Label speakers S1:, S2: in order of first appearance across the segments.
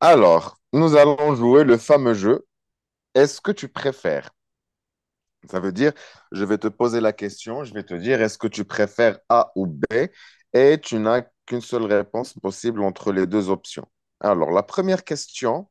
S1: Alors, nous allons jouer le fameux jeu. Est-ce que tu préfères? Ça veut dire, je vais te poser la question, je vais te dire, est-ce que tu préfères A ou B? Et tu n'as qu'une seule réponse possible entre les deux options. Alors, la première question,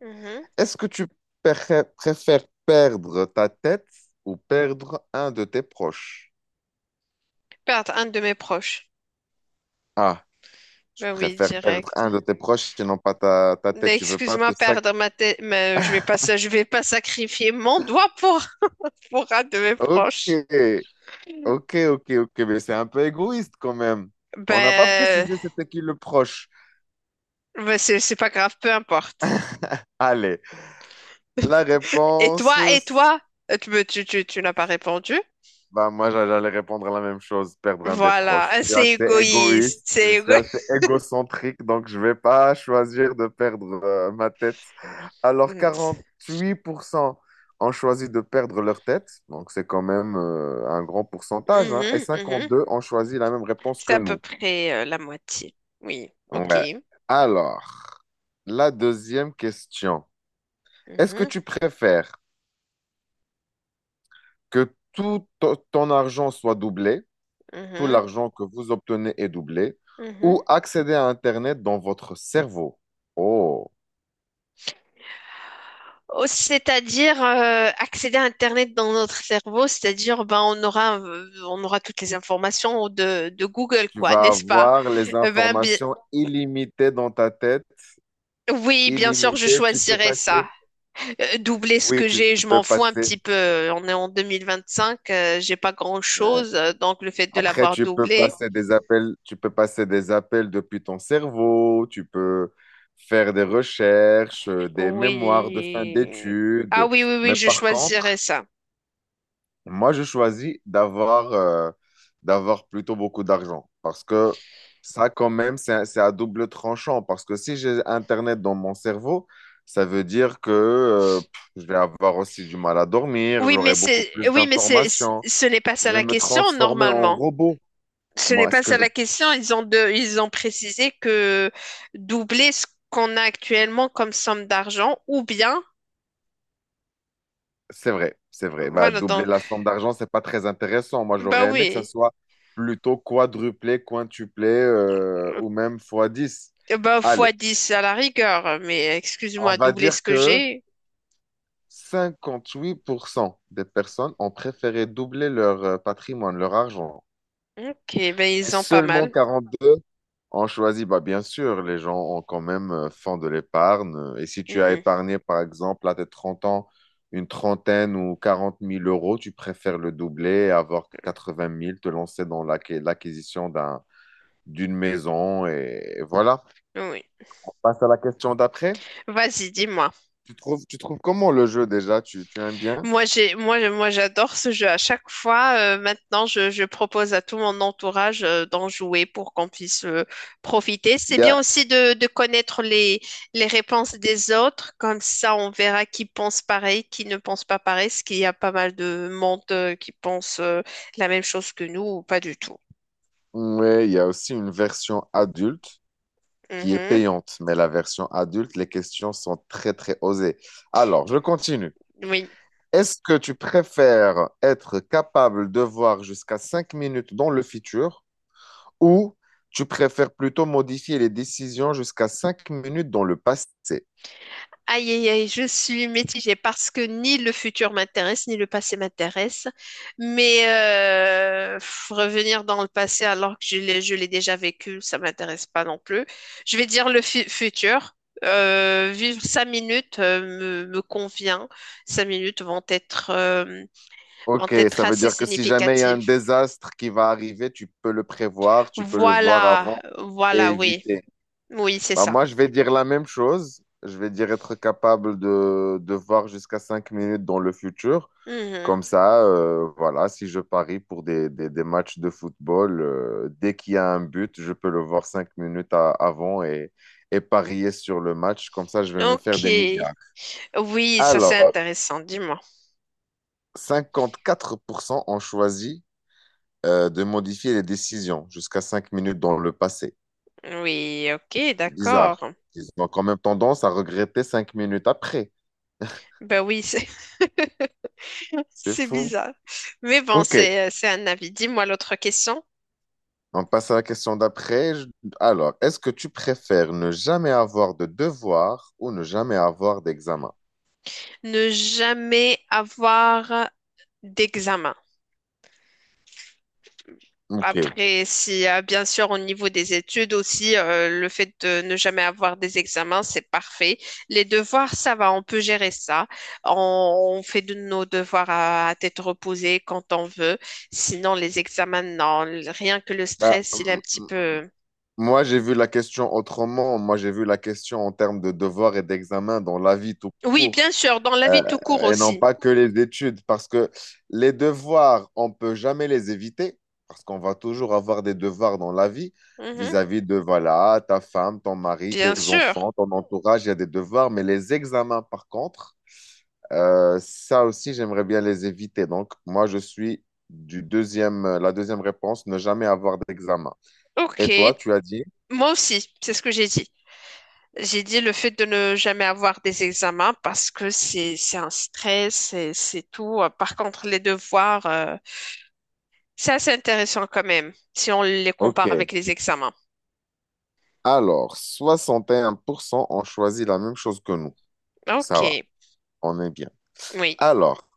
S2: Mhm.
S1: est-ce que tu préfères perdre ta tête ou perdre un de tes proches?
S2: Perdre un de mes proches.
S1: Ah, tu
S2: Ben oui,
S1: préfères perdre
S2: direct.
S1: un de tes proches et non pas ta tête.
S2: Mais
S1: Tu veux pas
S2: excuse-moi,
S1: te sac.
S2: perdre ma tête, mais je vais pas, je vais pas sacrifier mon doigt pour, un de mes
S1: Ok.
S2: proches.
S1: Ok, ok, ok, mais c'est un peu égoïste quand même. On n'a pas
S2: Ben,
S1: précisé c'était qui le proche.
S2: ben c'est pas grave, peu importe.
S1: Allez, la
S2: Et
S1: réponse,
S2: toi, et
S1: c'est-
S2: toi, tu n'as pas répondu.
S1: bah moi j'allais répondre à la même chose, perdre un des
S2: Voilà,
S1: proches.
S2: ah,
S1: Je suis
S2: c'est
S1: assez
S2: égoïste,
S1: égoïste, je
S2: c'est
S1: suis
S2: égoïste.
S1: assez égocentrique, donc je vais pas choisir de perdre ma tête. Alors 48% ont choisi de perdre leur tête, donc c'est quand même un grand pourcentage, hein,
S2: Mhm,
S1: et
S2: mhm.
S1: deux ont choisi la même réponse
S2: C'est
S1: que
S2: à peu
S1: nous.
S2: près la moitié. Oui, ok.
S1: Ouais. Alors. La deuxième question. Est-ce que
S2: Mhm,
S1: tu préfères que tout ton argent soit doublé, tout
S2: mhm,
S1: l'argent que vous obtenez est doublé, ou
S2: mhm.
S1: accéder à Internet dans votre cerveau? Oh,
S2: Oh, c'est-à-dire accéder à Internet dans notre cerveau, c'est-à-dire ben on aura toutes les informations de Google
S1: tu
S2: quoi,
S1: vas
S2: n'est-ce pas?
S1: avoir les
S2: Ben
S1: informations illimitées dans ta tête,
S2: oui, bien sûr, je
S1: illimitées. Tu peux
S2: choisirais ça.
S1: passer.
S2: Doubler ce
S1: Oui,
S2: que
S1: tu
S2: j'ai, je
S1: peux
S2: m'en fous un petit
S1: passer.
S2: peu. On est en 2025, j'ai pas grand-chose, donc le fait de
S1: Après,
S2: l'avoir
S1: tu peux
S2: doublé,
S1: passer des appels, tu peux passer des appels depuis ton cerveau, tu peux faire des recherches, des mémoires de fin
S2: oui. Ah
S1: d'études.
S2: oui oui oui,
S1: Mais
S2: je
S1: par
S2: choisirais
S1: contre,
S2: ça.
S1: moi, je choisis d'avoir d'avoir plutôt beaucoup d'argent parce que ça, quand même, c'est à double tranchant. Parce que si j'ai Internet dans mon cerveau, ça veut dire que je vais avoir aussi du mal à dormir, j'aurai beaucoup plus
S2: Oui, mais c'est
S1: d'informations,
S2: ce n'est pas ça
S1: je vais
S2: la
S1: me
S2: question
S1: transformer en
S2: normalement.
S1: robot.
S2: Ce n'est
S1: Moi,
S2: pas
S1: est-ce que
S2: ça
S1: je
S2: la question. Ils ont précisé que doubler ce qu'on a actuellement comme somme d'argent, ou bien,
S1: c'est vrai, c'est vrai. Bah,
S2: voilà,
S1: doubler
S2: donc,
S1: la somme d'argent, c'est pas très intéressant. Moi,
S2: bah
S1: j'aurais aimé que ça
S2: oui.
S1: soit plutôt quadruplé, quintuplé ou même fois 10.
S2: Bah
S1: Allez,
S2: fois 10 à la rigueur, mais
S1: on
S2: excuse-moi,
S1: va
S2: doubler ce
S1: dire
S2: que
S1: que
S2: j'ai.
S1: 58% des personnes ont préféré doubler leur patrimoine, leur argent.
S2: Ok, ben
S1: Et
S2: ils ont pas
S1: seulement
S2: mal.
S1: 42 on choisit, bah bien sûr, les gens ont quand même font de l'épargne. Et si tu as
S2: Mhm.
S1: épargné, par exemple, à tes 30 ans, une trentaine ou 40 000 euros, tu préfères le doubler et avoir 80 000, te lancer dans l'acquisition d'un, d'une maison. Et voilà.
S2: Oui.
S1: On passe à la question d'après.
S2: Vas-y, dis-moi.
S1: Tu trouves comment le jeu déjà? Tu aimes bien?
S2: Moi, j'adore ce jeu. À chaque fois, maintenant, je propose à tout mon entourage, d'en jouer pour qu'on puisse, profiter. C'est
S1: Il y a,
S2: bien aussi de connaître les réponses des autres. Comme ça, on verra qui pense pareil, qui ne pense pas pareil, parce qu'il y a pas mal de monde, qui pense, la même chose que nous ou pas du tout.
S1: ouais, il y a aussi une version adulte qui est
S2: Mhm.
S1: payante, mais la version adulte, les questions sont très, très osées. Alors, je continue.
S2: Oui.
S1: Est-ce que tu préfères être capable de voir jusqu'à 5 minutes dans le futur ou tu préfères plutôt modifier les décisions jusqu'à 5 minutes dans le passé?
S2: Aïe, aïe, aïe, je suis mitigée parce que ni le futur m'intéresse, ni le passé m'intéresse. Mais revenir dans le passé alors que je l'ai déjà vécu, ça m'intéresse pas non plus. Je vais dire le futur. Vivre 5 minutes me convient. Cinq minutes vont être, euh, vont
S1: Ok,
S2: être
S1: ça veut
S2: assez
S1: dire que si jamais il y a un
S2: significatives.
S1: désastre qui va arriver, tu peux le prévoir, tu peux le voir
S2: Voilà,
S1: avant et
S2: voilà, oui.
S1: éviter.
S2: Oui, c'est
S1: Bah,
S2: ça.
S1: moi, je vais dire la même chose. Je vais dire être capable de voir jusqu'à 5 minutes dans le futur.
S2: Mhm.
S1: Comme ça, voilà, si je parie pour des, des matchs de football, dès qu'il y a un but, je peux le voir 5 minutes avant et parier sur le match. Comme ça, je vais me faire
S2: Ok.
S1: des milliards.
S2: Oui, ça c'est
S1: Alors,
S2: intéressant, dis-moi.
S1: 54% ont choisi de modifier les décisions jusqu'à 5 minutes dans le passé.
S2: Oui, ok,
S1: C'est bizarre.
S2: d'accord.
S1: Ils ont quand même tendance à regretter 5 minutes après.
S2: Ben oui, c'est
S1: C'est
S2: c'est
S1: fou.
S2: bizarre. Mais bon,
S1: Ok,
S2: c'est un avis. Dis-moi l'autre question.
S1: on passe à la question d'après. Je- Alors, est-ce que tu préfères ne jamais avoir de devoirs ou ne jamais avoir d'examen?
S2: Ne jamais avoir d'examen.
S1: Ok.
S2: Après, si bien sûr au niveau des études aussi, le fait de ne jamais avoir des examens, c'est parfait. Les devoirs, ça va, on peut gérer ça. On, on fait de nos devoirs à tête reposée quand on veut. Sinon, les examens, non. Rien que le
S1: Bah,
S2: stress, il est un petit peu.
S1: moi, j'ai vu la question autrement. Moi, j'ai vu la question en termes de devoirs et d'examens dans la vie tout
S2: Oui,
S1: court.
S2: bien sûr, dans la vie tout court
S1: Et non
S2: aussi.
S1: pas que les études, parce que les devoirs, on peut jamais les éviter, parce qu'on va toujours avoir des devoirs dans la vie
S2: Mhm.
S1: vis-à-vis de, voilà, ta femme, ton mari,
S2: Bien
S1: tes
S2: sûr.
S1: enfants, ton entourage, il y a des devoirs, mais les examens, par contre, ça aussi, j'aimerais bien les éviter. Donc, moi, je suis du deuxième, la deuxième réponse, ne jamais avoir d'examen.
S2: Ok,
S1: Et toi, tu as dit?
S2: moi aussi, c'est ce que j'ai dit. J'ai dit le fait de ne jamais avoir des examens parce que c'est un stress, c'est tout. Par contre, les devoirs, c'est assez intéressant quand même si on les compare
S1: OK.
S2: avec les examens.
S1: Alors, 61% ont choisi la même chose que nous.
S2: Ok,
S1: Ça va, on est bien.
S2: oui.
S1: Alors,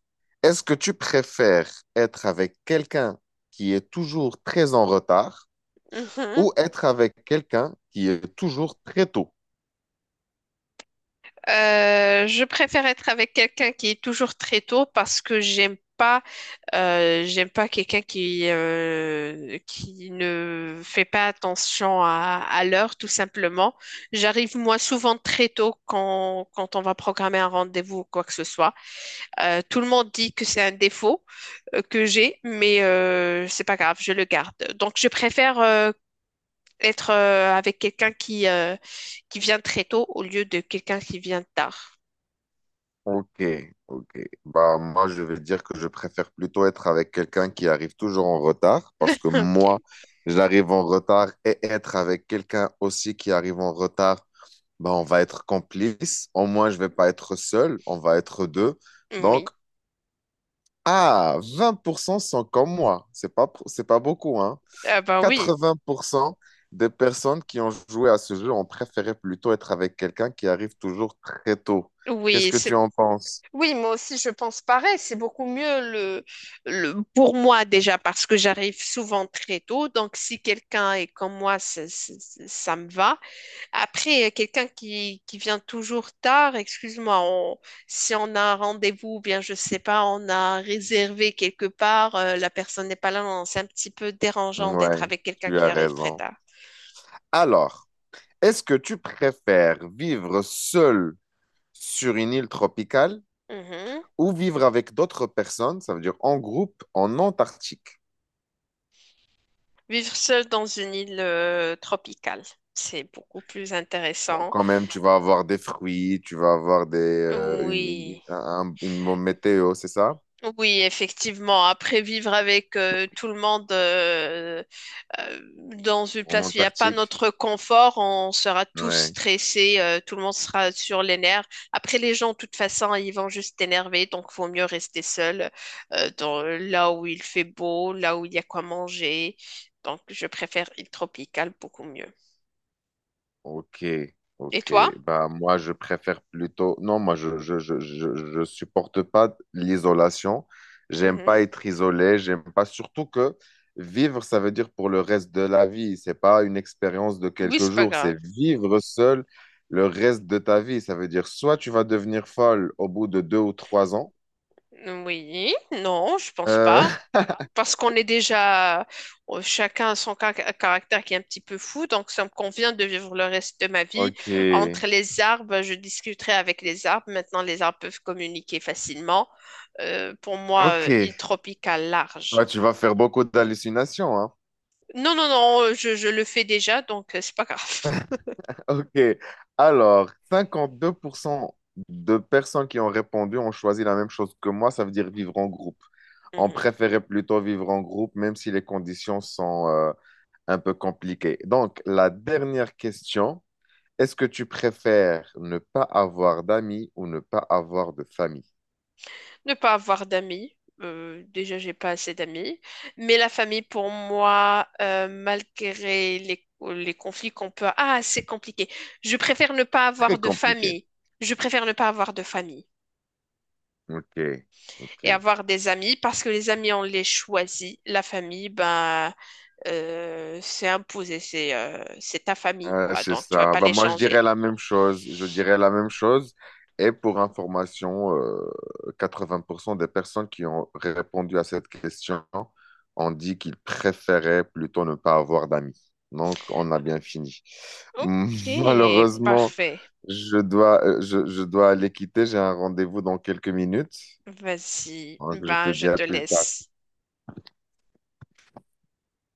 S1: est-ce que tu préfères être avec quelqu'un qui est toujours très en retard
S2: Mhm.
S1: ou être avec quelqu'un qui est toujours très tôt?
S2: Je préfère être avec quelqu'un qui est toujours très tôt parce que j'aime pas quelqu'un qui ne fait pas attention à l'heure, tout simplement. J'arrive, moi, souvent très tôt quand on va programmer un rendez-vous ou quoi que ce soit. Tout le monde dit que c'est un défaut que j'ai, mais c'est pas grave, je le garde. Donc, je préfère être avec quelqu'un qui vient très tôt au lieu de quelqu'un qui vient tard.
S1: Ok, ok. Bah, moi, je vais dire que je préfère plutôt être avec quelqu'un qui arrive toujours en retard parce que
S2: Ok,
S1: moi, j'arrive en retard et être avec quelqu'un aussi qui arrive en retard, bah, on va être complice. Au moins, je vais pas être seul, on va être deux. Donc,
S2: oui.
S1: ah, 20%, sont comme moi. C'est pas beaucoup, hein?
S2: Ah ben oui,
S1: 80% des personnes qui ont joué à ce jeu ont préféré plutôt être avec quelqu'un qui arrive toujours très tôt. Qu'est-ce
S2: oui,
S1: que
S2: c'est
S1: tu
S2: bon.
S1: en penses?
S2: Oui, moi aussi, je pense pareil. C'est beaucoup mieux pour moi déjà parce que j'arrive souvent très tôt. Donc, si quelqu'un est comme moi, ça me va. Après, quelqu'un qui vient toujours tard, excuse-moi, si on a un rendez-vous, ou bien je sais pas, on a réservé quelque part, la personne n'est pas là, non, c'est un petit peu dérangeant d'être
S1: Ouais,
S2: avec quelqu'un
S1: tu
S2: qui
S1: as
S2: arrive très
S1: raison.
S2: tard.
S1: Alors, est-ce que tu préfères vivre seul sur une île tropicale
S2: Mhm.
S1: ou vivre avec d'autres personnes, ça veut dire en groupe, en Antarctique?
S2: Vivre seul dans une île, tropicale, c'est beaucoup plus
S1: Bon,
S2: intéressant.
S1: quand même, tu vas avoir des fruits, tu vas avoir des, une,
S2: Oui.
S1: une bonne météo, c'est ça?
S2: Oui, effectivement. Après, vivre avec tout le monde euh, dans une
S1: En
S2: place où il n'y a pas
S1: Antarctique?
S2: notre confort, on sera tous
S1: Ouais.
S2: stressés, tout le monde sera sur les nerfs. Après, les gens, de toute façon, ils vont juste t'énerver, donc vaut mieux rester seul là où il fait beau, là où il y a quoi manger. Donc, je préfère île tropicale beaucoup mieux.
S1: Ok,
S2: Et
S1: ok.
S2: toi?
S1: Bah, moi, je préfère plutôt. Non, moi, je supporte pas l'isolation. J'aime pas
S2: Mhm.
S1: être isolé. J'aime pas. Surtout que vivre, ça veut dire pour le reste de la vie. C'est pas une expérience de
S2: Oui,
S1: quelques
S2: c'est pas
S1: jours.
S2: grave.
S1: C'est vivre seul le reste de ta vie. Ça veut dire soit tu vas devenir folle au bout de 2 ou 3 ans.
S2: Oui, non, je pense
S1: Euh,
S2: pas. Parce qu'on est déjà chacun a son caractère qui est un petit peu fou, donc ça me convient de vivre le reste de ma vie
S1: ok,
S2: entre les arbres. Je discuterai avec les arbres. Maintenant, les arbres peuvent communiquer facilement. Pour moi,
S1: ok.
S2: île tropicale large.
S1: Toi, tu vas faire beaucoup d'hallucinations, hein.
S2: Non, non, non, je le fais déjà, donc c'est pas grave.
S1: Ok. Alors, 52% de personnes qui ont répondu ont choisi la même chose que moi, ça veut dire vivre en groupe. On
S2: Mhm.
S1: préférait plutôt vivre en groupe, même si les conditions sont un peu compliquées. Donc, la dernière question, est-ce que tu préfères ne pas avoir d'amis ou ne pas avoir de famille?
S2: Ne pas avoir d'amis. Déjà, j'ai pas assez d'amis. Mais la famille, pour moi, malgré les conflits qu'on peut... Ah, c'est compliqué. Je préfère ne pas avoir
S1: Très
S2: de
S1: compliqué.
S2: famille. Je préfère ne pas avoir de famille
S1: Ok,
S2: et
S1: ok.
S2: avoir des amis parce que les amis, on les choisit. La famille, ben, c'est imposé. C'est ta famille, quoi.
S1: C'est
S2: Donc, tu vas
S1: ça.
S2: pas
S1: Bah,
S2: les
S1: moi, je dirais
S2: changer.
S1: la même chose. Je dirais la même chose. Et pour information, 80% des personnes qui ont répondu à cette question ont dit qu'ils préféraient plutôt ne pas avoir d'amis. Donc, on a bien fini.
S2: Ok,
S1: Malheureusement,
S2: parfait.
S1: je dois, je dois aller quitter. J'ai un rendez-vous dans quelques minutes.
S2: Vas-y.
S1: Donc, je te
S2: Ben, je
S1: dis à
S2: te
S1: plus tard.
S2: laisse.